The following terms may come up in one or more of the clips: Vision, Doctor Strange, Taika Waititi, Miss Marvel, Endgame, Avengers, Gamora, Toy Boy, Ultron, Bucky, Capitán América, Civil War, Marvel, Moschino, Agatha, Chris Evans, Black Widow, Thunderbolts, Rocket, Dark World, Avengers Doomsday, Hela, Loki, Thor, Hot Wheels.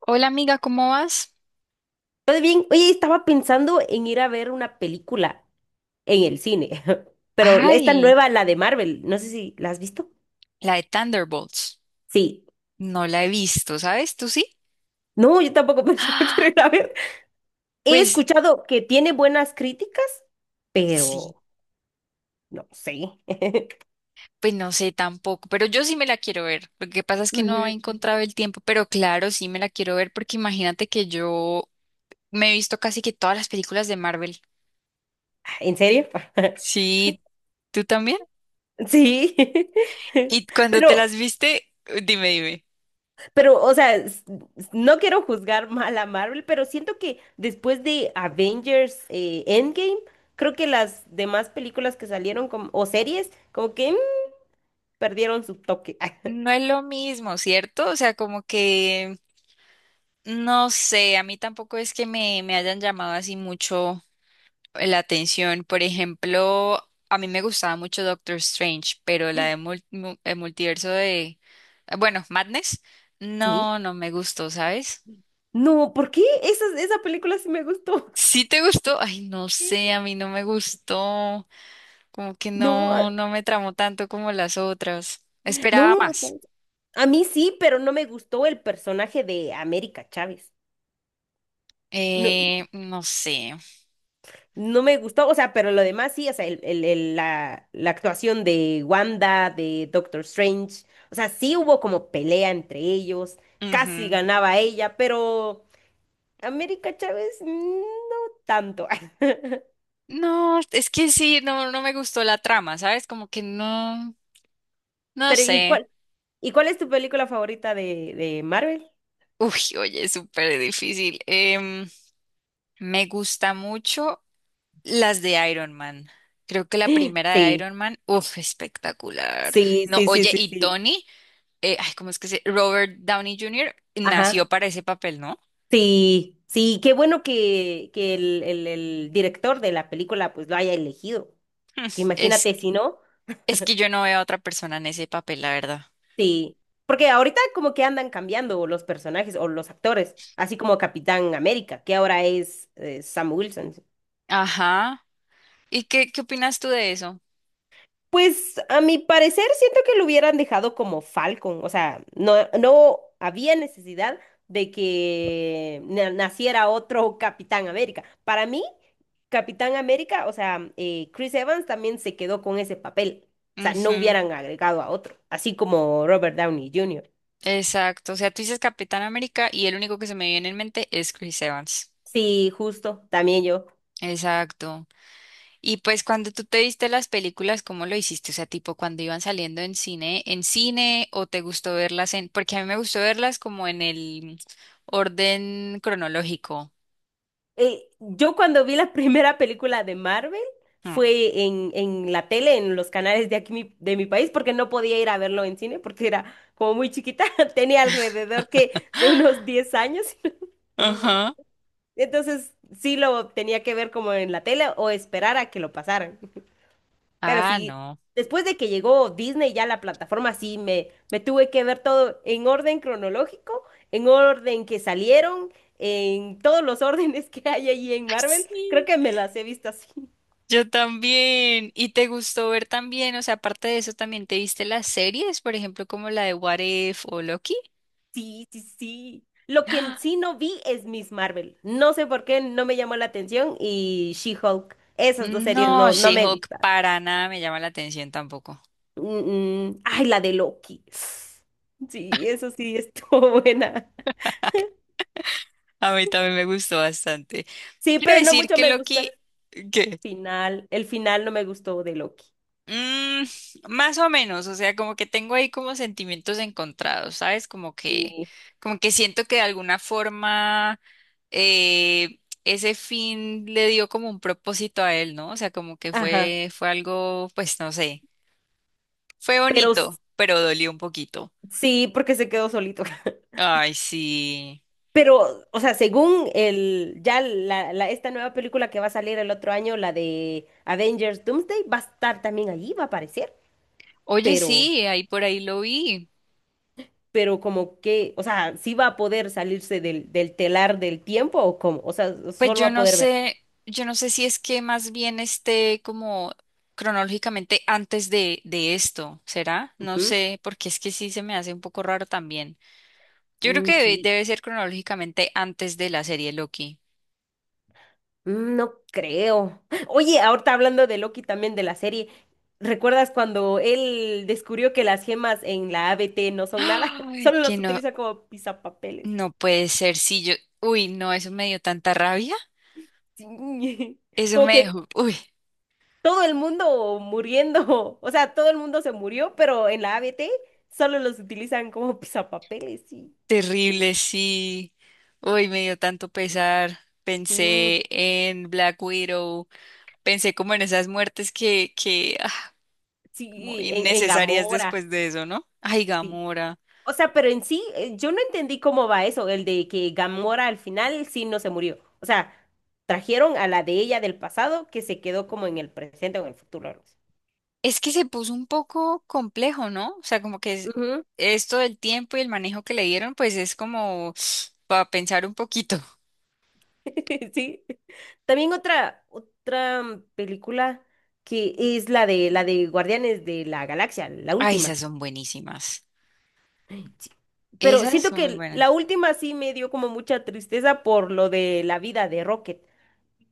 Hola amiga, ¿cómo vas? Todo bien, oye, estaba pensando en ir a ver una película en el cine, pero esta Ay, nueva, la de Marvel, no sé si la has visto. la de Thunderbolts. Sí, No la he visto, ¿sabes? ¿Tú sí? no, yo tampoco pensé que quiero Ah, ir a ver. He pues escuchado que tiene buenas críticas, sí, pero no sé. pues no sé tampoco, pero yo sí me la quiero ver. Lo que pasa es que no he Ujú. encontrado el tiempo, pero claro, sí me la quiero ver porque imagínate que yo me he visto casi que todas las películas de Marvel. ¿En serio? Sí, ¿tú también? Sí, Y cuando te pero las viste, dime, dime. Pero, o sea, no quiero juzgar mal a Marvel, pero siento que después de Avengers Endgame, creo que las demás películas que salieron o series, como que perdieron su toque. Ah, No es lo mismo, ¿cierto? O sea, como que no sé, a mí tampoco es que me hayan llamado así mucho la atención. Por ejemplo, a mí me gustaba mucho Doctor Strange, pero la de el multiverso de, bueno, Madness, sí. no, no me gustó, ¿sabes? No, ¿por qué? Esa película sí me gustó. ¿Sí te gustó? Ay, no sé, Sí. a mí no me gustó. Como que No, no, no me tramó tanto como las otras. Esperaba no, más. ¿sabes? A mí sí, pero no me gustó el personaje de América Chávez. No, No sé. No me gustó, o sea, pero lo demás sí, o sea, la actuación de Wanda, de Doctor Strange, o sea, sí hubo como pelea entre ellos, casi Ujú. ganaba ella, pero América Chávez no tanto. No, es que sí, no, no me gustó la trama, ¿sabes? Como que no, no Pero ¿y sé. cuál, y cuál es tu película favorita de Marvel? Uy, oye, es súper difícil. Me gusta mucho las de Iron Man. Creo que la primera de Sí, Iron Man, uff, espectacular. sí, No, sí, sí, oye, sí, y sí. Tony, ay, ¿cómo es que se? Robert Downey Jr. nació Ajá. para ese papel, ¿no? Sí, sí, qué bueno que el director de la película pues lo haya elegido. Que imagínate Es, si no. es que yo no veo a otra persona en ese papel, la verdad. Sí, porque ahorita como que andan cambiando los personajes o los actores, así como Capitán América, que ahora es Sam Wilson. Ajá. ¿Y qué opinas tú de eso? Pues a mi parecer siento que lo hubieran dejado como Falcon, o sea, no, no había necesidad de que naciera otro Capitán América. Para mí, Capitán América, o sea, Chris Evans también se quedó con ese papel, o sea, no Ujú. hubieran agregado a otro, así como Robert Downey Jr. Exacto. O sea, tú dices Capitán América y el único que se me viene en mente es Chris Evans. Sí, justo, también yo. Exacto. Y pues cuando tú te viste las películas, ¿cómo lo hiciste? O sea, tipo cuando iban saliendo en cine, o te gustó verlas en, porque a mí me gustó verlas como en el orden cronológico. Yo cuando vi la primera película de Marvel Mm. fue en la tele, en los canales de aquí de mi país, porque no podía ir a verlo en cine porque era como muy chiquita, tenía alrededor que de unos 10 años. Ajá. Entonces sí lo tenía que ver como en la tele o esperar a que lo pasaran. Pero Ah, sí, no. después de que llegó Disney ya a la plataforma, sí, me tuve que ver todo en orden cronológico, en orden que salieron, en todos los órdenes que hay ahí en Ay, Marvel. Creo sí, que me las he visto así. yo también. ¿Y te gustó ver también? O sea, aparte de eso, ¿también te viste las series? Por ejemplo, como la de What If o Loki. Sí, sí, sí. Lo que Ah, en sí no vi es Miss Marvel. No sé por qué no me llamó la atención y She-Hulk. Esas dos series no, no, no me She-Hulk gustan. para nada me llama la atención tampoco. Mm, mm. Ay, la de Loki. Sí, eso sí estuvo buena. A mí también me gustó bastante. Sí, Quiero pero no decir mucho que me gustó. Loki, ¿qué? El final no me gustó de Loki. Mm, Más o menos, o sea, como que tengo ahí como sentimientos encontrados, ¿sabes? Como que, Sí. Siento que de alguna forma ese fin le dio como un propósito a él, ¿no? O sea, como que Ajá, fue algo, pues no sé, fue pero bonito, pero dolió un poquito. sí, porque se quedó solito. Ay, sí. Pero, o sea, según el, ya esta nueva película que va a salir el otro año, la de Avengers Doomsday, va a estar también allí, va a aparecer, Oye, pero, sí, ahí por ahí lo vi. pero como que, o sea, sí va a poder salirse del telar del tiempo o cómo o sea, Pues solo va yo a no poder ver. sé, yo no sé si es que más bien esté como cronológicamente antes de esto, ¿será? No Ujú. sé, porque es que sí se me hace un poco raro también. Yo creo que Mm, debe, sí. debe ser cronológicamente antes de la serie Loki. No creo. Oye, ahorita hablando de Loki también de la serie, ¿recuerdas cuando él descubrió que las gemas en la ABT no son nada? Ay, Solo que las no, utiliza como pisapapeles. no puede ser, sí, yo, uy, no, eso me dio tanta rabia, Sí. eso Como me que dejó, uy, todo el mundo muriendo. O sea, todo el mundo se murió, pero en la ABT solo los utilizan como pisapapeles, sí. terrible, sí, uy, me dio tanto pesar, Mm, pensé en Black Widow, pensé como en esas muertes muy sí, en innecesarias Gamora. después de eso, ¿no? Ay, Sí. Gamora. O sea, pero en sí, yo no entendí cómo va eso, el de que Gamora al final sí no se murió. O sea, trajeron a la de ella del pasado que se quedó como en el presente o en el futuro. Algo así. Es que se puso un poco complejo, ¿no? O sea, como que Ujú. esto del tiempo y el manejo que le dieron, pues es como para pensar un poquito. Sí. También otra película que es la de Guardianes de la Galaxia, la Ay, esas última. son buenísimas. Sí. Pero Esas siento son muy que buenas. la última sí me dio como mucha tristeza por lo de la vida de Rocket,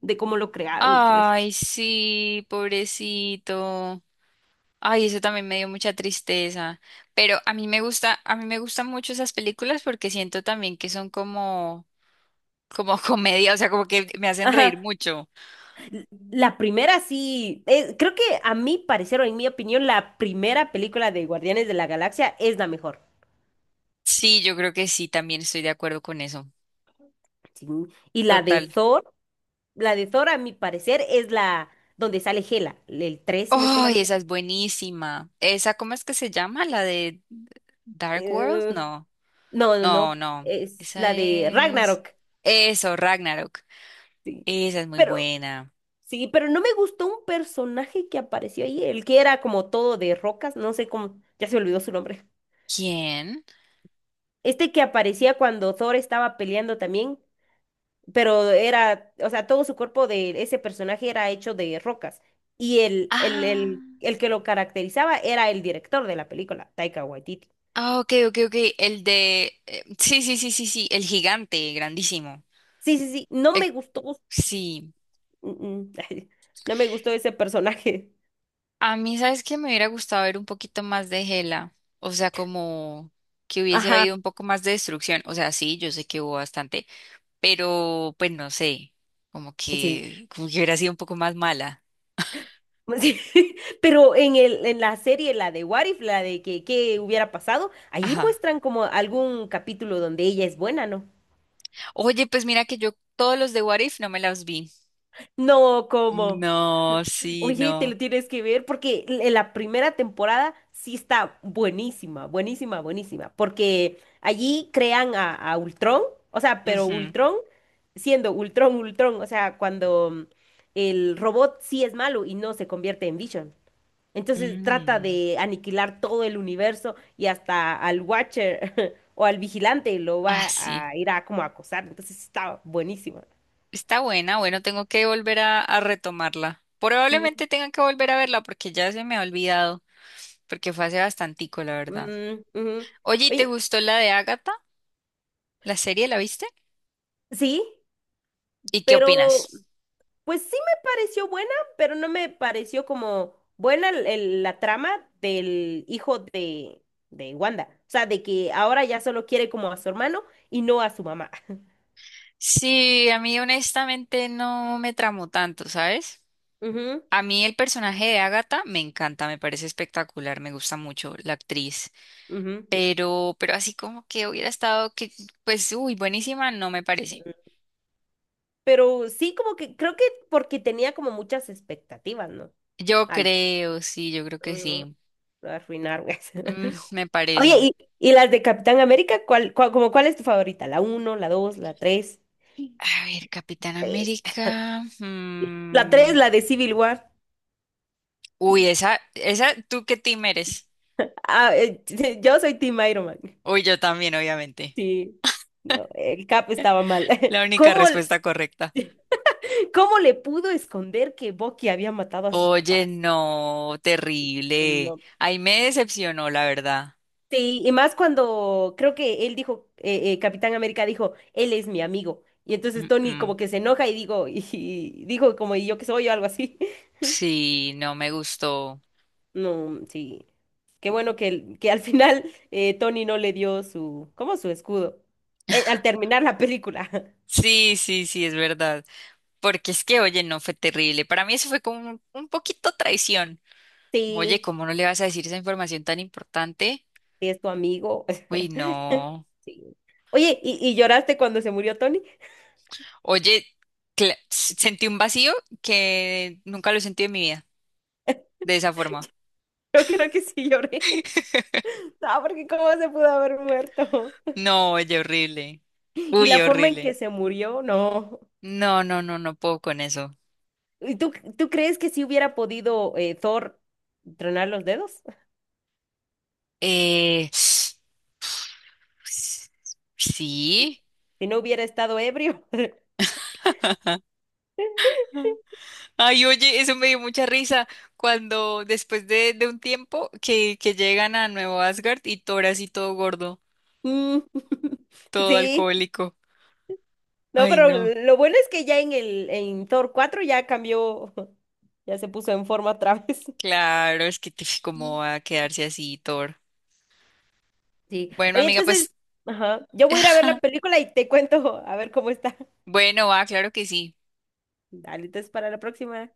de cómo lo crearon y todo eso. Ay, sí, pobrecito. Ay, eso también me dio mucha tristeza. Pero a mí me gustan mucho esas películas porque siento también que son como, como comedia, o sea, como que me hacen reír Ajá. mucho. La primera sí, creo que a mi parecer o en mi opinión, la primera película de Guardianes de la Galaxia es la mejor. Sí, yo creo que sí, también estoy de acuerdo con eso. Sí. Y Total. La de Thor a mi parecer es la donde sale Hela, el 3 si no estoy mal. ¡Ay, Creo esa es buenísima! ¿Esa cómo es que se llama? ¿La de Dark World? eh, No, no, no, no, no, no. es Esa la de es... Ragnarok. Eso, Ragnarok. Sí. Esa es muy Pero buena. sí, pero no me gustó un personaje que apareció ahí, el que era como todo de rocas, no sé cómo, ya se olvidó su nombre. ¿Quién? Este que aparecía cuando Thor estaba peleando también. Pero era, o sea, todo su cuerpo de ese personaje era hecho de rocas. Y el, el, Ah, el, el que lo caracterizaba era el director de la película, Taika Waititi. ah, ok, ok, ok. El de... sí, sí, sí, sí, sí. El gigante, grandísimo. Sí, sí, sí, no El- me gustó, Sí. mm, mm, no me gustó ese personaje. A mí, ¿sabes que me hubiera gustado ver un poquito más de Hela? O sea, como que hubiese Ajá, habido un poco más de destrucción. O sea, sí, yo sé que hubo bastante, pero pues no sé, como sí. que, hubiera sido un poco más mala. Sí, pero en la serie, la de What If, la de que, qué hubiera pasado, allí Ajá. muestran como algún capítulo donde ella es buena, ¿no? Oye, pues mira que yo todos los de What If no me las vi. No, como... No, sí, Oye, te no. lo tienes que ver porque la primera temporada sí está buenísima, buenísima, buenísima, porque allí crean a Ultron, o sea, pero Ujú. Ultron siendo Ultron, Ultron, o sea, cuando el robot sí es malo y no se convierte en Vision. Entonces trata Mm. de aniquilar todo el universo y hasta al Watcher o al vigilante lo Ah, va sí. a ir a como a acosar, entonces sí está buenísima. Está buena, bueno, tengo que volver a retomarla. Mm, Probablemente tenga que volver a verla porque ya se me ha olvidado, porque fue hace bastantico, la verdad. mm, ujú. Oye, ¿y te Oye, gustó la de Agatha? ¿La serie la viste? sí. ¿Y qué Pero opinas? Pues sí me pareció buena, pero no me pareció como buena la trama del hijo de Wanda. O sea, de que ahora ya solo quiere como a su hermano y no a su mamá. Sí, a mí honestamente no me tramó tanto, ¿sabes? Ujú, A mí el personaje de Agatha me encanta, me parece espectacular, me gusta mucho la actriz, ujú. Pero así como que hubiera estado que, pues, uy, buenísima, no me parece. Pero sí, como que creo que porque tenía como muchas expectativas, ¿no? Yo Altas. creo, sí, yo creo que Mm, sí. lo arruinaron. Mm, me Oye, parece. ¿y las de Capitán América? ¿Como cuál es tu favorita? ¿La uno, la 2, la 3? A ver, Capitán Tres. América. La 3, la de Civil War. Uy, esa, ¿tú qué team eres? Ah, yo soy Team Iron Man. Uy, yo también, obviamente. Sí, no, el Cap estaba mal. La única ¿Cómo, respuesta correcta. cómo le pudo esconder que Bucky había matado a sus Oye, papás? no, No, no, terrible. no. Ahí me decepcionó, la verdad. Sí, y más cuando creo que él dijo, Capitán América dijo, él es mi amigo. Y Mm, entonces Tony mm. como que se enoja y digo, y dijo como "¿Y yo que soy? O algo así. Sí, no me gustó. No, sí. Qué bueno que, que al final Tony no le dio su, ¿cómo su escudo? Al terminar la película. Sí, sí, sí, es verdad. Porque es que, oye, no fue terrible. Para mí eso fue como un poquito traición. Como, oye, Sí, ¿cómo no le vas a decir esa información tan importante? sí es tu amigo. Uy, no. Sí. Oye, ¿y lloraste cuando se murió Tony? Oye, sentí un vacío que nunca lo he sentido en mi vida, de esa forma. Yo creo que sí lloré. No, porque cómo se pudo haber muerto. No, oye, horrible. Y Uy, la forma en que horrible. se murió, no. No, no, no, no puedo con eso. ¿Y tú crees que si hubiera podido Thor tronar los dedos? Eh, sí. Si no hubiera estado ebrio. Ay, oye, eso me dio mucha risa cuando después de un tiempo que llegan a Nuevo Asgard y Thor así todo gordo, Mm, todo sí, alcohólico. no, Ay, pero no. lo bueno es que ya en Thor 4 ya cambió, ya se puso en forma otra vez. Claro, es que cómo va a quedarse así Thor. Sí. Bueno, Oye, amiga, entonces, pues ajá, yo voy a ir a ver la película y te cuento a ver cómo está. bueno, va, claro que sí. Dale, entonces para la próxima.